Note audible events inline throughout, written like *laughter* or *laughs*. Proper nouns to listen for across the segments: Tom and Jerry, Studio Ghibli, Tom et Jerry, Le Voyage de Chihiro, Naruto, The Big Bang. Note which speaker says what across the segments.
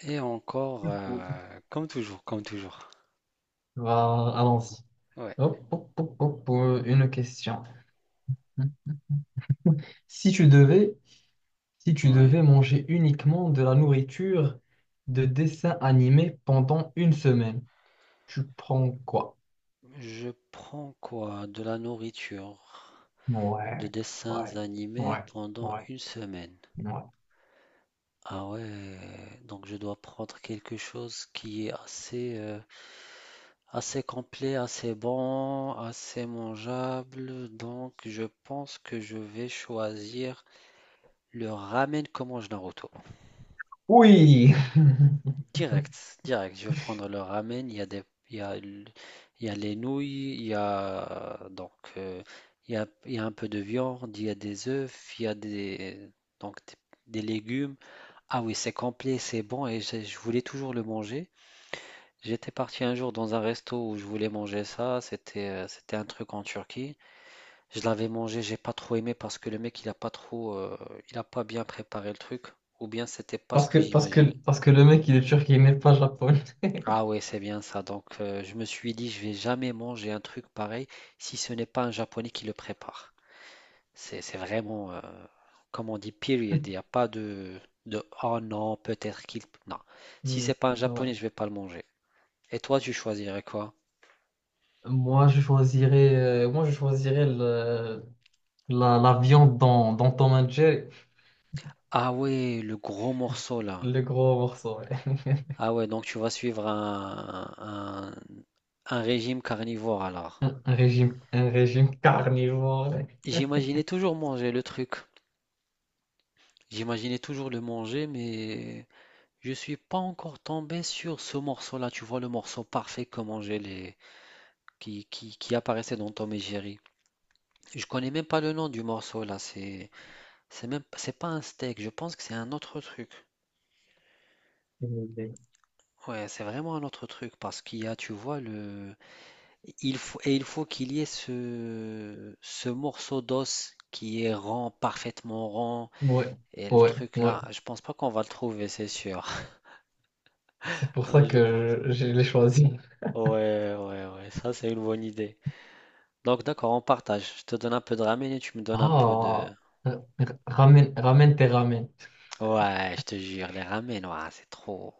Speaker 1: Et encore,
Speaker 2: Du coup,
Speaker 1: comme toujours, comme toujours.
Speaker 2: allons-y.
Speaker 1: Ouais,
Speaker 2: Hop, hop, hop, hop, une question. Si tu devais, si tu
Speaker 1: ouais.
Speaker 2: devais manger uniquement de la nourriture de dessin animé pendant une semaine, tu prends quoi?
Speaker 1: Je prends quoi? De la nourriture, de
Speaker 2: Ouais,
Speaker 1: dessins
Speaker 2: ouais,
Speaker 1: animés
Speaker 2: ouais,
Speaker 1: pendant
Speaker 2: ouais,
Speaker 1: une semaine.
Speaker 2: ouais.
Speaker 1: Ah ouais, donc je dois prendre quelque chose qui est assez, assez complet, assez bon, assez mangeable. Donc je pense que je vais choisir le ramen comme mange Naruto.
Speaker 2: Oui! *laughs*
Speaker 1: Direct, direct. Je vais prendre le ramen. Il y a des, il y a, l- il y a les nouilles, il y a donc euh, il y a un peu de viande, il y a des œufs, il y a des donc des, des légumes. Ah oui, c'est complet, c'est bon et je voulais toujours le manger. J'étais parti un jour dans un resto où je voulais manger ça. C'était un truc en Turquie. Je l'avais mangé, j'ai pas trop aimé parce que le mec il a pas bien préparé le truc. Ou bien c'était pas ce
Speaker 2: Parce que,
Speaker 1: que
Speaker 2: parce que,
Speaker 1: j'imaginais.
Speaker 2: parce que le mec, il est turc, il n'est pas japonais.
Speaker 1: Ah ouais, c'est bien ça. Donc, je me suis dit, je vais jamais manger un truc pareil si ce n'est pas un Japonais qui le prépare. C'est vraiment, comme on dit, period. Il n'y a pas de, oh non, peut-être qu'il... Non. Si
Speaker 2: Hmm.
Speaker 1: c'est pas un
Speaker 2: Ouais.
Speaker 1: Japonais, je vais pas le manger. Et toi, tu choisirais quoi?
Speaker 2: Moi, je choisirais la viande dans Tom and Jerry.
Speaker 1: Ah ouais, le gros morceau là.
Speaker 2: Le gros morceau, ouais.
Speaker 1: Ah ouais, donc tu vas suivre un régime carnivore alors.
Speaker 2: Un régime, un régime *laughs* carnivore.
Speaker 1: J'imaginais toujours manger le truc. J'imaginais toujours le manger, mais... Je suis pas encore tombé sur ce morceau-là, tu vois, le morceau parfait comment j'ai les qui apparaissait dans Tom et Jerry. Je connais même pas le nom du morceau là, c'est même c'est pas un steak, je pense que c'est un autre truc.
Speaker 2: Ouais,
Speaker 1: Ouais, c'est vraiment un autre truc parce qu'il y a, tu vois, le il faut qu'il y ait ce morceau d'os qui est rond, parfaitement rond
Speaker 2: ouais,
Speaker 1: et le
Speaker 2: ouais,
Speaker 1: truc
Speaker 2: ouais.
Speaker 1: là, je pense pas qu'on va le trouver, c'est sûr.
Speaker 2: C'est pour ça
Speaker 1: Ouais, je pense.
Speaker 2: que je l'ai choisi.
Speaker 1: Ouais, ouais, ouais, ça c'est une bonne idée. Donc, d'accord, on partage. Je te donne un peu de ramen et tu me donnes un peu de.
Speaker 2: Ah, ramène, ramène tes ramènes.
Speaker 1: Ouais, je te jure, les ramen, ouah, c'est trop.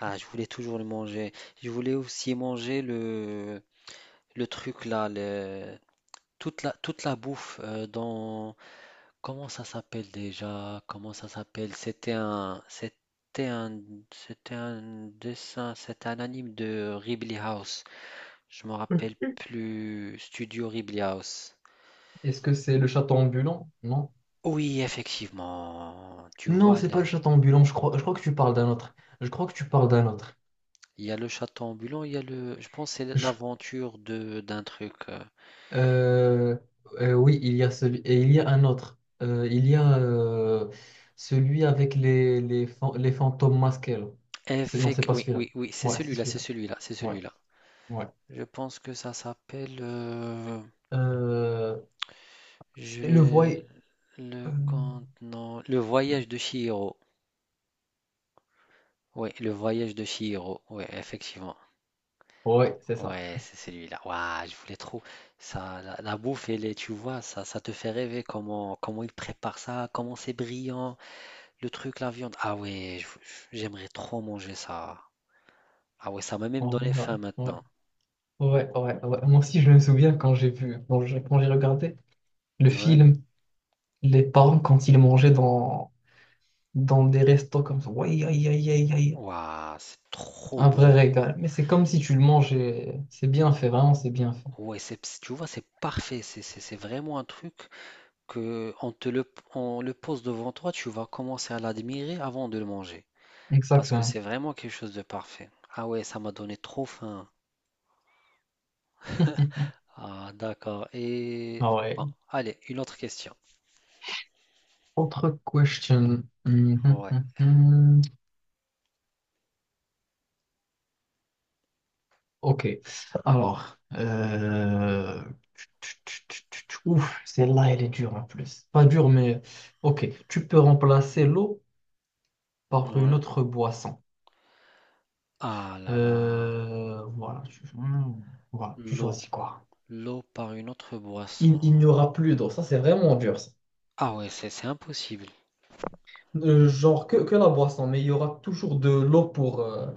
Speaker 1: Ah, je voulais toujours le manger. Je voulais aussi manger le truc là, le... toute la bouffe dans. Comment ça s'appelle déjà? Comment ça s'appelle? C'était un dessin, c'était un anime de Ghibli House. Je me rappelle plus. Studio Ghibli House.
Speaker 2: Est-ce que c'est le château ambulant? Non.
Speaker 1: Oui, effectivement. Tu
Speaker 2: Non,
Speaker 1: vois
Speaker 2: c'est
Speaker 1: le.
Speaker 2: pas le château ambulant. Je crois que tu parles d'un autre. Je crois que tu parles d'un autre.
Speaker 1: Il y a le château ambulant, il y a le. Je pense que c'est
Speaker 2: Je,
Speaker 1: l'aventure de d'un truc.
Speaker 2: Euh, oui, il y a celui et il y a un autre. Il y a celui avec les fantômes masqués là. Non, c'est
Speaker 1: Effect.
Speaker 2: pas
Speaker 1: Oui,
Speaker 2: celui-là.
Speaker 1: oui, oui, c'est
Speaker 2: Ouais, c'est
Speaker 1: celui-là, c'est
Speaker 2: celui-là.
Speaker 1: celui-là, c'est
Speaker 2: Ouais,
Speaker 1: celui-là.
Speaker 2: ouais.
Speaker 1: Je pense que ça s'appelle.
Speaker 2: Euh, c'est le
Speaker 1: J'ai
Speaker 2: euh,
Speaker 1: le compte. Non. Le voyage de Chihiro. Oui, le voyage de Chihiro. Oui, effectivement.
Speaker 2: ouais, c'est ça.
Speaker 1: Ouais, c'est celui-là. Waouh, je voulais trop. Ça, la bouffe, elle est, tu vois, ça te fait rêver comment ils préparent ça, comment c'est brillant, le truc, la viande. Ah ouais, j'aimerais trop manger ça. Ah ouais, ça m'a même
Speaker 2: Ouais,
Speaker 1: donné faim
Speaker 2: ouais,
Speaker 1: maintenant.
Speaker 2: ouais, ouais, ouais. Moi aussi, je me souviens quand j'ai vu, quand j'ai regardé le
Speaker 1: Ouais.
Speaker 2: film, les parents quand ils mangeaient dans des restos comme ça. Ouais, aïe, aïe, aïe, aïe.
Speaker 1: Waouh, c'est trop
Speaker 2: Un vrai
Speaker 1: bon.
Speaker 2: régal. Mais c'est comme si tu le mangeais. C'est bien fait, vraiment, c'est bien fait.
Speaker 1: Ouais, tu vois, c'est parfait. C'est vraiment un truc que on le pose devant toi, tu vas commencer à l'admirer avant de le manger. Parce que
Speaker 2: Exactement.
Speaker 1: c'est vraiment quelque chose de parfait. Ah ouais, ça m'a donné trop faim.
Speaker 2: *laughs*
Speaker 1: *laughs* Ah, d'accord. Et
Speaker 2: Ah ouais.
Speaker 1: bon, allez, une autre question.
Speaker 2: Autre question. *laughs*
Speaker 1: Ouais.
Speaker 2: Hum. Ok. Alors. Ouf, celle-là, elle est dure en plus. Pas dure, mais ok. Tu peux remplacer l'eau par une
Speaker 1: Ouais.
Speaker 2: autre boisson.
Speaker 1: Ah là là.
Speaker 2: Voilà. Voilà. Tu
Speaker 1: L'eau.
Speaker 2: choisis quoi?
Speaker 1: L'eau par une autre
Speaker 2: Il,
Speaker 1: boisson.
Speaker 2: il n'y aura plus d'eau. Ça, c'est vraiment dur ça.
Speaker 1: Ah ouais, c'est impossible.
Speaker 2: Genre que la boisson, mais il y aura toujours de l'eau pour,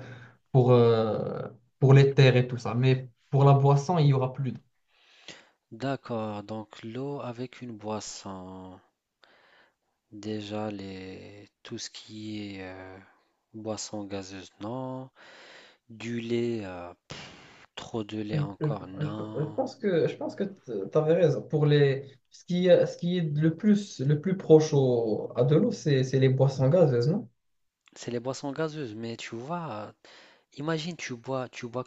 Speaker 2: pour, euh, pour les terres et tout ça. Mais pour la boisson, il y aura plus d'eau.
Speaker 1: D'accord, donc l'eau avec une boisson. Déjà, les... tout ce qui est boisson gazeuse, non. Du lait, trop de lait
Speaker 2: Je, je-
Speaker 1: encore,
Speaker 2: je- je
Speaker 1: non.
Speaker 2: pense que je pense que tu avais raison. Pour les, ce qui est le plus proche à de l'eau, c'est les boissons gazeuses, non?
Speaker 1: C'est les boissons gazeuses, mais tu vois, imagine, tu bois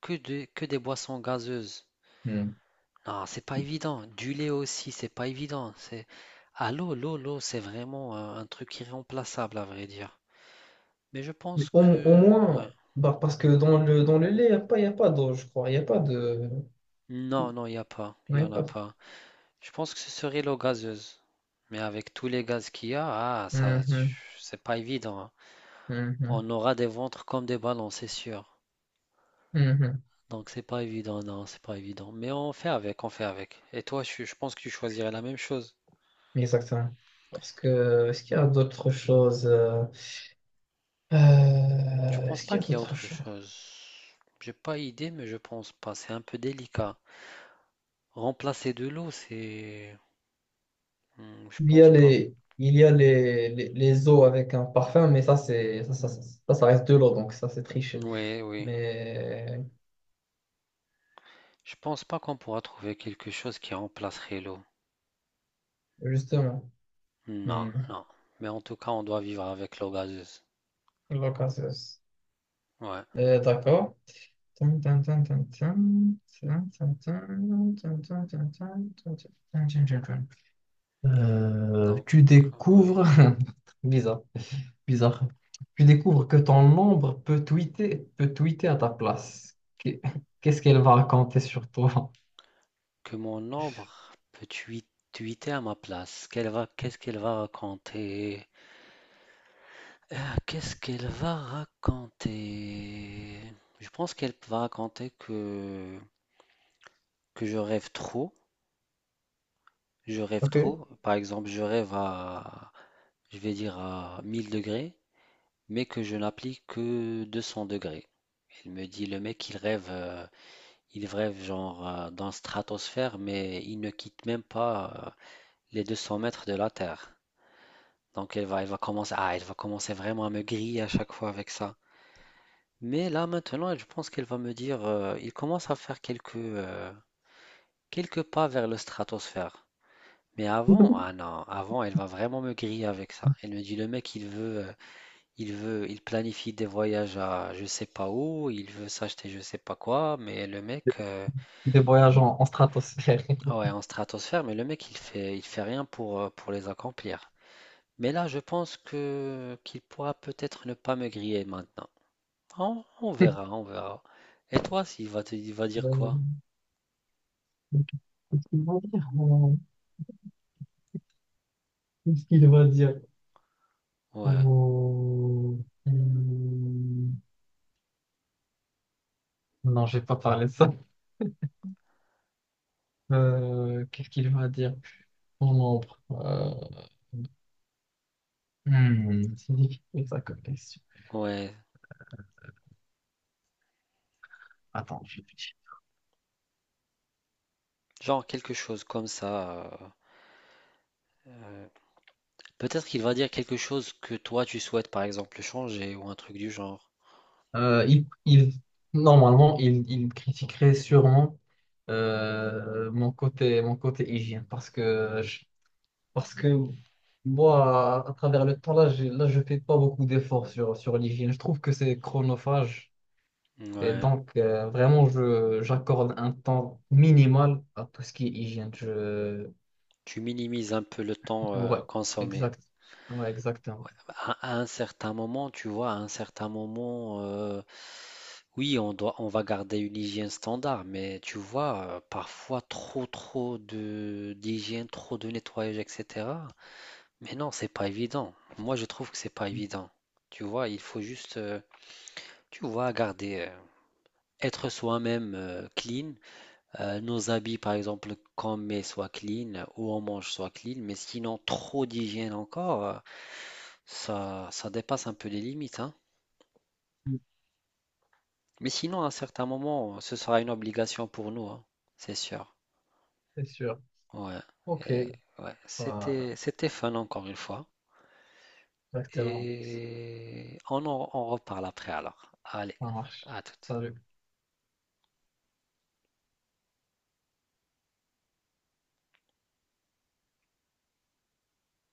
Speaker 1: que des boissons gazeuses.
Speaker 2: Hmm.
Speaker 1: Non, c'est pas évident. Du lait aussi, c'est pas évident. C'est... Ah, l'eau, l'eau, l'eau, c'est vraiment un truc irremplaçable, à vrai dire. Mais je
Speaker 2: Mais
Speaker 1: pense
Speaker 2: au
Speaker 1: que... Ouais.
Speaker 2: moins, bah, parce que dans le lait, il n'y a pas, y a pas d'eau, je crois. Il n'y a pas de.
Speaker 1: Non, non, il n'y a pas. Il
Speaker 2: Non, y
Speaker 1: n'y
Speaker 2: a
Speaker 1: en a
Speaker 2: pas.
Speaker 1: pas. Je pense que ce serait l'eau gazeuse. Mais avec tous les gaz qu'il y a, ah, ça,
Speaker 2: Mhm,
Speaker 1: c'est pas évident, hein.
Speaker 2: mhm,
Speaker 1: On aura des ventres comme des ballons, c'est sûr.
Speaker 2: mhm.
Speaker 1: Donc c'est pas évident, non, c'est pas évident. Mais on fait avec, on fait avec. Et toi, je pense que tu choisirais la même chose.
Speaker 2: Exactement. Parce que est-ce qu'il y a d'autres choses?
Speaker 1: Je pense
Speaker 2: Est-ce
Speaker 1: pas
Speaker 2: qu'il y a
Speaker 1: qu'il y a
Speaker 2: d'autres
Speaker 1: autre
Speaker 2: choses?
Speaker 1: chose. J'ai pas idée, mais je pense pas. C'est un peu délicat. Remplacer de l'eau, c'est... Hmm, je
Speaker 2: Il y
Speaker 1: pense
Speaker 2: a
Speaker 1: pas.
Speaker 2: les, les eaux avec un parfum, mais ça, c'est, ça reste de l'eau, donc ça, c'est triché.
Speaker 1: Oui, oui.
Speaker 2: Mais
Speaker 1: Je pense pas qu'on pourra trouver quelque chose qui remplacerait l'eau.
Speaker 2: justement,
Speaker 1: Non,
Speaker 2: hmm,
Speaker 1: non. Mais en tout cas, on doit vivre avec l'eau gazeuse.
Speaker 2: l'occasion.
Speaker 1: Ouais.
Speaker 2: D'accord. Tin, tin, tin, tin, tin, tin, tin, tin, tin, tin, tin, tin, tin, tin, tin, tin, tin, tin. Euh,
Speaker 1: Donc,
Speaker 2: tu
Speaker 1: ouais.
Speaker 2: découvres, *laughs* bizarre, bizarre. Tu découvres que ton ombre peut tweeter à ta place. Qu'est-ce qu'elle va raconter sur toi?
Speaker 1: Que mon ombre peut tweeter à ma place. Qu'est-ce qu'elle va raconter? Ah, qu'est-ce qu'elle va raconter? Je pense qu'elle va raconter que je rêve trop. Je rêve
Speaker 2: Ok.
Speaker 1: trop. Par exemple, je vais dire à 1000 degrés, mais que je n'applique que 200 degrés. Elle me dit, le mec, il rêve. Ils vrèvent genre dans la stratosphère, mais ils ne quittent même pas les 200 mètres de la Terre. Donc elle va commencer vraiment à me griller à chaque fois avec ça. Mais là maintenant, je pense qu'elle va me dire, il commence à faire quelques pas vers le stratosphère. Mais avant, ah
Speaker 2: *laughs*
Speaker 1: non, avant, elle va vraiment me griller avec ça. Elle me dit, le mec, il planifie des voyages à je sais pas où, il veut s'acheter je sais pas quoi, mais le mec,
Speaker 2: Des voyages en, en stratosphère.
Speaker 1: ah ouais, en stratosphère, mais le mec, il fait rien pour les accomplir. Mais là, je pense que qu'il pourra peut-être ne pas me griller maintenant. On verra,
Speaker 2: *laughs*
Speaker 1: on verra. Et toi, il va dire quoi?
Speaker 2: Euh, ok. Qu'est-ce qu'il va dire? Qu'est-ce qu'il va dire?
Speaker 1: Ouais,
Speaker 2: Oh, hmm, non, j'ai pas parlé de ça. Qu'est-ce qu'il va dire? Mon ombre. Hmm, c'est difficile ça comme question.
Speaker 1: ouais,
Speaker 2: Attends, je réfléchis.
Speaker 1: genre quelque chose comme ça. Euh, Peut-être qu'il va dire quelque chose que toi, tu souhaites, par exemple, changer ou un truc du genre.
Speaker 2: Euh, il, il- Normalement, il critiquerait sûrement mon côté hygiène parce que moi, à travers le temps, là, là, je fais pas beaucoup d'efforts sur, sur l'hygiène. Je trouve que c'est chronophage et
Speaker 1: Ouais,
Speaker 2: donc vraiment, j'accorde un temps minimal à tout ce qui est hygiène. Je...
Speaker 1: tu minimises un peu le temps
Speaker 2: Ouais,
Speaker 1: consommé.
Speaker 2: exact. Ouais, exactement.
Speaker 1: À un certain moment, tu vois, à un certain moment, oui, on va garder une hygiène standard, mais tu vois, parfois trop, trop de d'hygiène, trop de nettoyage, etc. Mais non, c'est pas évident. Moi, je trouve que c'est pas évident. Tu vois, il faut juste, tu vois, être soi-même clean. Nos habits, par exemple, qu'on met soient clean, ou on mange soit clean, mais sinon, trop d'hygiène encore, ça, ça dépasse un peu les limites, hein. Mais sinon, à un certain moment, ce sera une obligation pour nous, hein, c'est sûr.
Speaker 2: C'est sûr.
Speaker 1: Ouais.
Speaker 2: Ok,
Speaker 1: Et ouais,
Speaker 2: voilà,
Speaker 1: c'était fun encore une fois.
Speaker 2: exactement.
Speaker 1: Et on en on reparle après alors. Allez,
Speaker 2: Ça marche.
Speaker 1: à tout.
Speaker 2: Salut.